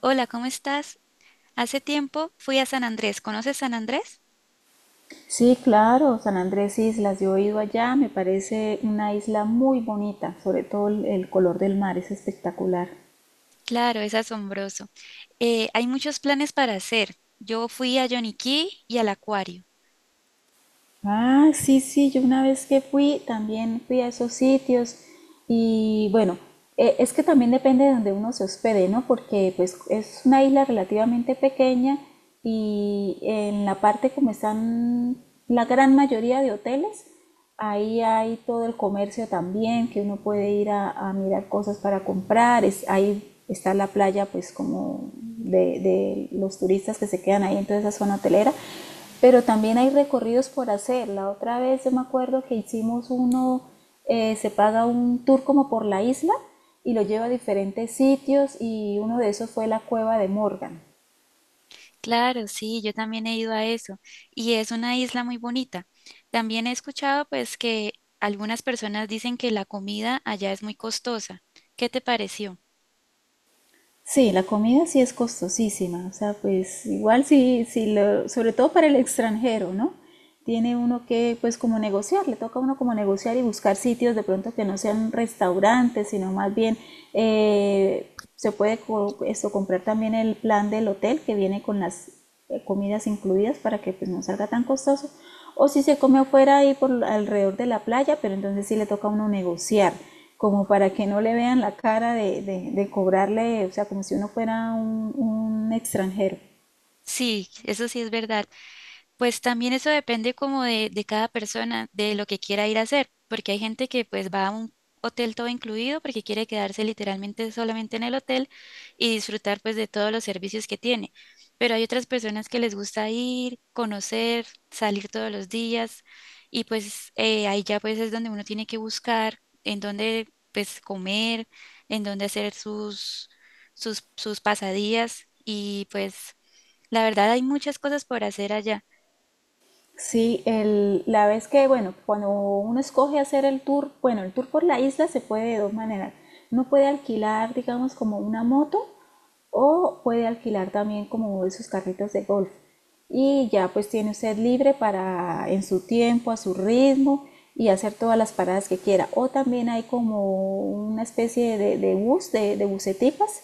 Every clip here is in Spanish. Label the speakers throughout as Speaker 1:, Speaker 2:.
Speaker 1: Hola, ¿cómo estás? Hace tiempo fui a San Andrés. ¿Conoces San Andrés?
Speaker 2: Sí, claro, San Andrés Islas, yo he ido allá, me parece una isla muy bonita, sobre todo el color del mar es espectacular.
Speaker 1: Claro, es asombroso. Hay muchos planes para hacer. Yo fui a Yoniquí y al acuario.
Speaker 2: Ah, sí, sí, yo una vez que fui, también fui a esos sitios y bueno, es que también depende de donde uno se hospede, ¿no? Porque pues es una isla relativamente pequeña y en la parte como están la gran mayoría de hoteles, ahí hay todo el comercio también, que uno puede ir a mirar cosas para comprar. Es, ahí está la playa, pues como de los turistas que se quedan ahí en toda esa zona hotelera. Pero también hay recorridos por hacer. La otra vez yo me acuerdo que hicimos uno, se paga un tour como por la isla y lo lleva a diferentes sitios y uno de esos fue la cueva de Morgan.
Speaker 1: Claro, sí, yo también he ido a eso. Y es una isla muy bonita. También he escuchado pues que algunas personas dicen que la comida allá es muy costosa. ¿Qué te pareció?
Speaker 2: Sí, la comida sí es costosísima, o sea, pues igual sí, sobre todo para el extranjero, ¿no? Tiene uno que, pues como negociar, le toca a uno como negociar y buscar sitios de pronto que no sean restaurantes, sino más bien se puede esto, comprar también el plan del hotel que viene con las comidas incluidas para que pues no salga tan costoso. O si se come afuera ahí por alrededor de la playa, pero entonces sí le toca a uno negociar, como para que no le vean la cara de cobrarle, o sea, como si uno fuera un extranjero.
Speaker 1: Sí, eso sí es verdad. Pues también eso depende como de cada persona, de lo que quiera ir a hacer, porque hay gente que pues va a un hotel todo incluido porque quiere quedarse literalmente solamente en el hotel y disfrutar pues de todos los servicios que tiene. Pero hay otras personas que les gusta ir, conocer, salir todos los días y pues ahí ya pues es donde uno tiene que buscar en dónde pues comer, en dónde hacer sus, sus pasadías y pues la verdad hay muchas cosas por hacer allá.
Speaker 2: Sí, el, la vez que, bueno, cuando uno escoge hacer el tour, bueno, el tour por la isla se puede de dos maneras. Uno puede alquilar, digamos, como una moto o puede alquilar también como esos carritos de golf. Y ya pues tiene usted libre para en su tiempo, a su ritmo y hacer todas las paradas que quiera. O también hay como una especie de bus, de buseticas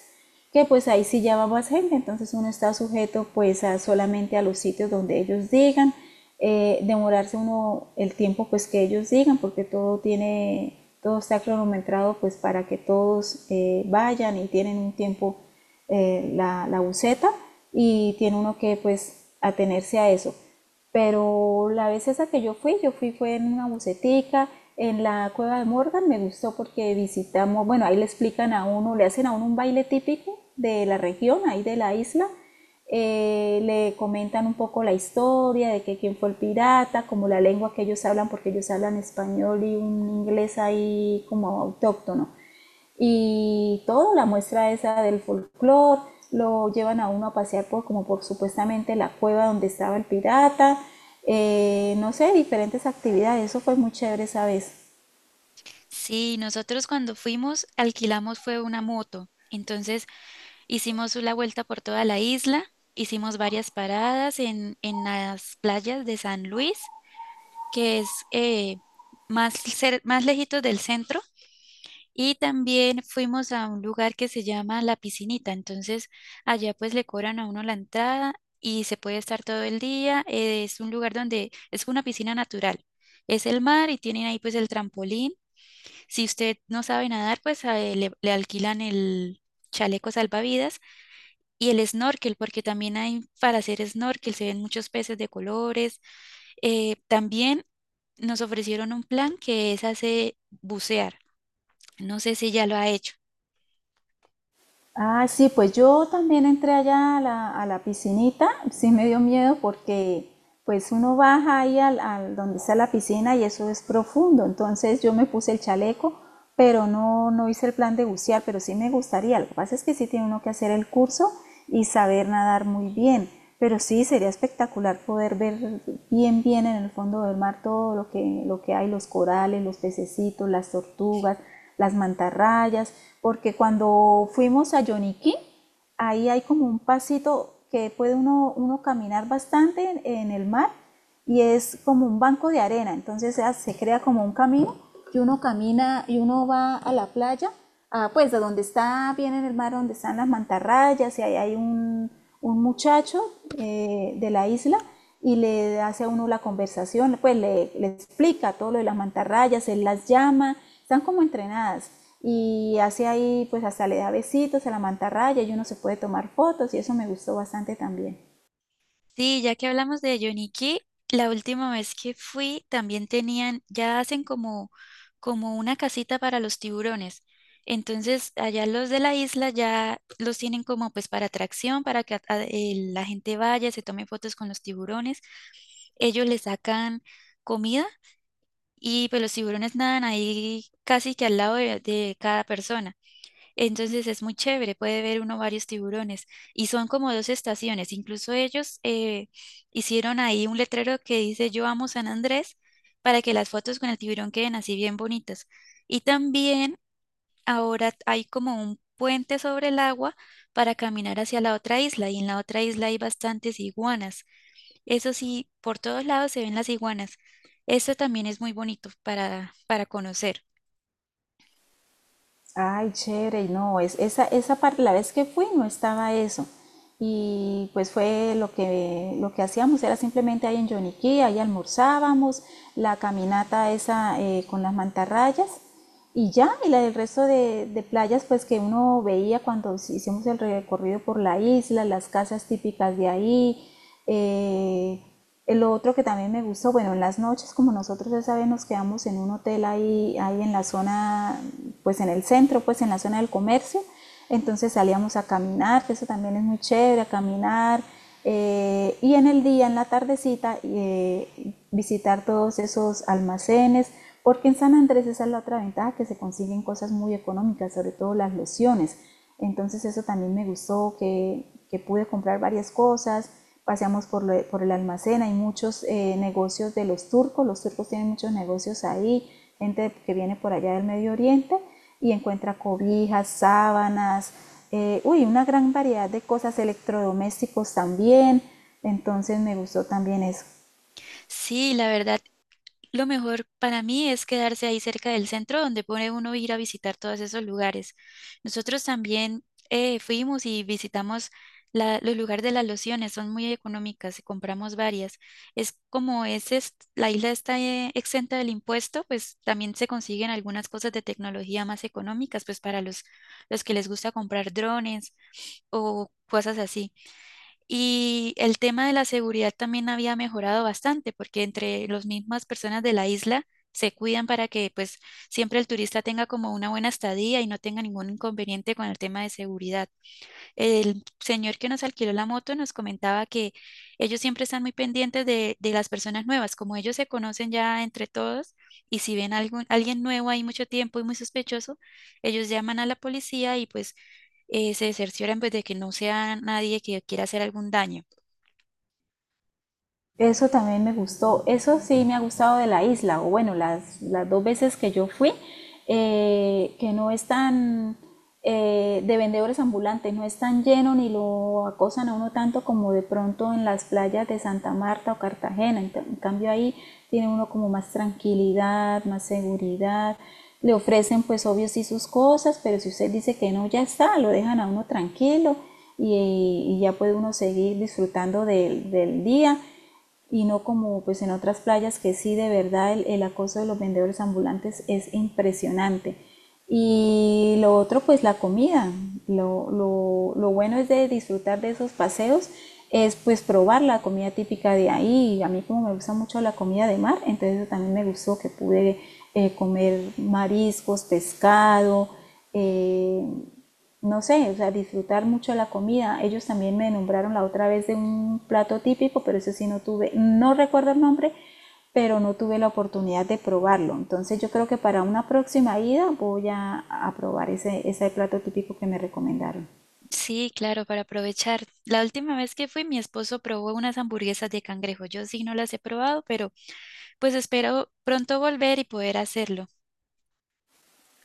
Speaker 2: que pues ahí sí ya va más gente, entonces uno está sujeto pues a solamente a los sitios donde ellos digan, demorarse uno el tiempo pues que ellos digan, porque todo tiene, todo está cronometrado pues para que todos vayan y tienen un tiempo la buseta y tiene uno que pues atenerse a eso. Pero la vez esa que yo fui fue en una bucetica, en la cueva de Morgan, me gustó porque visitamos, bueno, ahí le explican a uno, le hacen a uno un baile típico de la región, ahí de la isla, le comentan un poco la historia de que quién fue el pirata, como la lengua que ellos hablan, porque ellos hablan español y un inglés ahí como autóctono y toda la muestra esa del folclore, lo llevan a uno a pasear por como por supuestamente la cueva donde estaba el pirata. No sé, diferentes actividades, eso fue muy chévere esa vez.
Speaker 1: Sí, nosotros cuando fuimos alquilamos fue una moto. Entonces hicimos la vuelta por toda la isla, hicimos varias paradas en las playas de San Luis, que es más, más lejitos del centro, y también fuimos a un lugar que se llama La Piscinita. Entonces allá pues le cobran a uno la entrada y se puede estar todo el día. Es un lugar donde es una piscina natural. Es el mar y tienen ahí pues el trampolín si usted no sabe nadar, pues a él le alquilan el chaleco salvavidas y el snorkel, porque también hay para hacer snorkel, se ven muchos peces de colores. También nos ofrecieron un plan que es hacer bucear. No sé si ya lo ha hecho.
Speaker 2: Ah, sí, pues yo también entré allá a la piscinita, sí me dio miedo porque pues uno baja ahí al, al donde está la piscina y eso es profundo, entonces yo me puse el chaleco, pero no, no hice el plan de bucear, pero sí me gustaría, lo que pasa es que sí tiene uno que hacer el curso y saber nadar muy bien, pero sí sería espectacular poder ver bien bien en el fondo del mar todo lo que hay, los corales, los pececitos, las tortugas, las mantarrayas, porque cuando fuimos a Yoniquí, ahí hay como un pasito que puede uno, uno caminar bastante en el mar y es como un banco de arena, entonces se crea como un camino y uno camina y uno va a la playa, a, pues a donde está bien en el mar, donde están las mantarrayas y ahí hay un muchacho de la isla y le hace a uno la conversación, pues le explica todo lo de las mantarrayas, él las llama, están como entrenadas y hace ahí, pues hasta le da besitos a la mantarraya y uno se puede tomar fotos y eso me gustó bastante también.
Speaker 1: Sí, ya que hablamos de Yoniki, la última vez que fui también tenían, ya hacen como, como una casita para los tiburones. Entonces, allá los de la isla ya los tienen como pues para atracción, para que la gente vaya, se tome fotos con los tiburones. Ellos le sacan comida y pues los tiburones nadan ahí casi que al lado de cada persona. Entonces es muy chévere, puede ver uno varios tiburones. Y son como dos estaciones. Incluso ellos hicieron ahí un letrero que dice "Yo amo San Andrés" para que las fotos con el tiburón queden así bien bonitas. Y también ahora hay como un puente sobre el agua para caminar hacia la otra isla. Y en la otra isla hay bastantes iguanas. Eso sí, por todos lados se ven las iguanas. Esto también es muy bonito para conocer.
Speaker 2: Ay, chévere, no, es, esa parte, la vez que fui no estaba eso. Y pues fue lo que hacíamos, era simplemente ahí en Yoniquí, ahí almorzábamos, la caminata esa con las mantarrayas y ya, y la del resto de playas pues que uno veía cuando si, hicimos el recorrido por la isla, las casas típicas de ahí. eh, el otro que también me gustó, bueno, en las noches, como nosotros ya saben, nos quedamos en un hotel ahí, ahí en la zona, pues en el centro, pues en la zona del comercio. Entonces salíamos a caminar, que eso también es muy chévere, a caminar. Y en el día, en la tardecita, visitar todos esos almacenes, porque en San Andrés esa es la otra ventaja, que se consiguen cosas muy económicas, sobre todo las lociones. Entonces eso también me gustó, que pude comprar varias cosas, paseamos por, lo, por el almacén, hay muchos negocios de los turcos tienen muchos negocios ahí, gente que viene por allá del Medio Oriente y encuentra cobijas, sábanas, uy, una gran variedad de cosas, electrodomésticos también, entonces me gustó también eso.
Speaker 1: Sí, la verdad, lo mejor para mí es quedarse ahí cerca del centro donde puede uno ir a visitar todos esos lugares. Nosotros también fuimos y visitamos los lugares de las lociones, son muy económicas y compramos varias. Es, la isla está exenta del impuesto, pues también se consiguen algunas cosas de tecnología más económicas, pues para los que les gusta comprar drones o cosas así. Y el tema de la seguridad también había mejorado bastante, porque entre las mismas personas de la isla se cuidan para que pues siempre el turista tenga como una buena estadía y no tenga ningún inconveniente con el tema de seguridad. El señor que nos alquiló la moto nos comentaba que ellos siempre están muy pendientes de las personas nuevas, como ellos se conocen ya entre todos y si ven alguien nuevo ahí mucho tiempo y muy sospechoso, ellos llaman a la policía y pues se cercioran pues, de que no sea nadie que quiera hacer algún daño.
Speaker 2: Eso también me gustó, eso sí me ha gustado de la isla, o bueno, las dos veces que yo fui, que no es tan de vendedores ambulantes, no es tan lleno ni lo acosan a uno tanto como de pronto en las playas de Santa Marta o Cartagena. En cambio ahí tiene uno como más tranquilidad, más seguridad. Le ofrecen pues obvio sí sus cosas, pero si usted dice que no, ya está, lo dejan a uno tranquilo y ya puede uno seguir disfrutando del día y no como pues en otras playas que sí de verdad el acoso de los vendedores ambulantes es impresionante. Y lo otro pues la comida. Lo bueno es de disfrutar de esos paseos es pues probar la comida típica de ahí. A mí como me gusta mucho la comida de mar, entonces eso también me gustó que pude comer mariscos, pescado, eh, no sé, o sea, disfrutar mucho la comida. Ellos también me nombraron la otra vez de un plato típico, pero eso sí no tuve, no recuerdo el nombre, pero no tuve la oportunidad de probarlo. Entonces yo creo que para una próxima ida voy a probar ese, ese plato típico que me recomendaron.
Speaker 1: Sí, claro, para aprovechar. La última vez que fui, mi esposo probó unas hamburguesas de cangrejo. Yo sí no las he probado, pero pues espero pronto volver y poder hacerlo.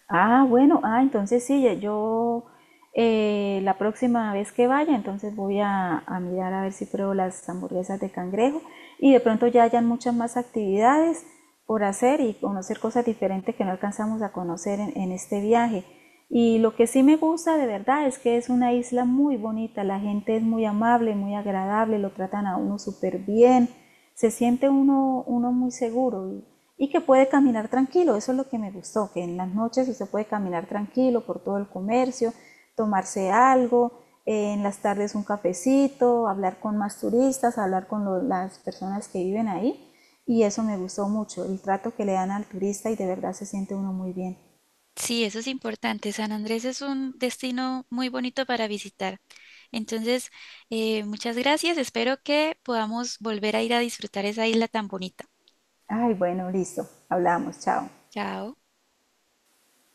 Speaker 2: Ah, bueno, ah, entonces sí, ya yo la próxima vez que vaya, entonces voy a mirar a ver si pruebo las hamburguesas de cangrejo y de pronto ya hayan muchas más actividades por hacer y conocer cosas diferentes que no alcanzamos a conocer en este viaje. Y lo que sí me gusta de verdad es que es una isla muy bonita, la gente es muy amable, muy agradable, lo tratan a uno súper bien, se siente uno, uno muy seguro y que puede caminar tranquilo. Eso es lo que me gustó, que en las noches sí se puede caminar tranquilo por todo el comercio, tomarse algo, en las tardes un cafecito, hablar con más turistas, hablar con las personas que viven ahí. Y eso me gustó mucho, el trato que le dan al turista y de verdad se siente uno muy bien.
Speaker 1: Sí, eso es importante. San Andrés es un destino muy bonito para visitar. Entonces, muchas gracias. Espero que podamos volver a ir a disfrutar esa isla tan bonita.
Speaker 2: Ay, bueno, listo, hablamos, chao.
Speaker 1: Chao.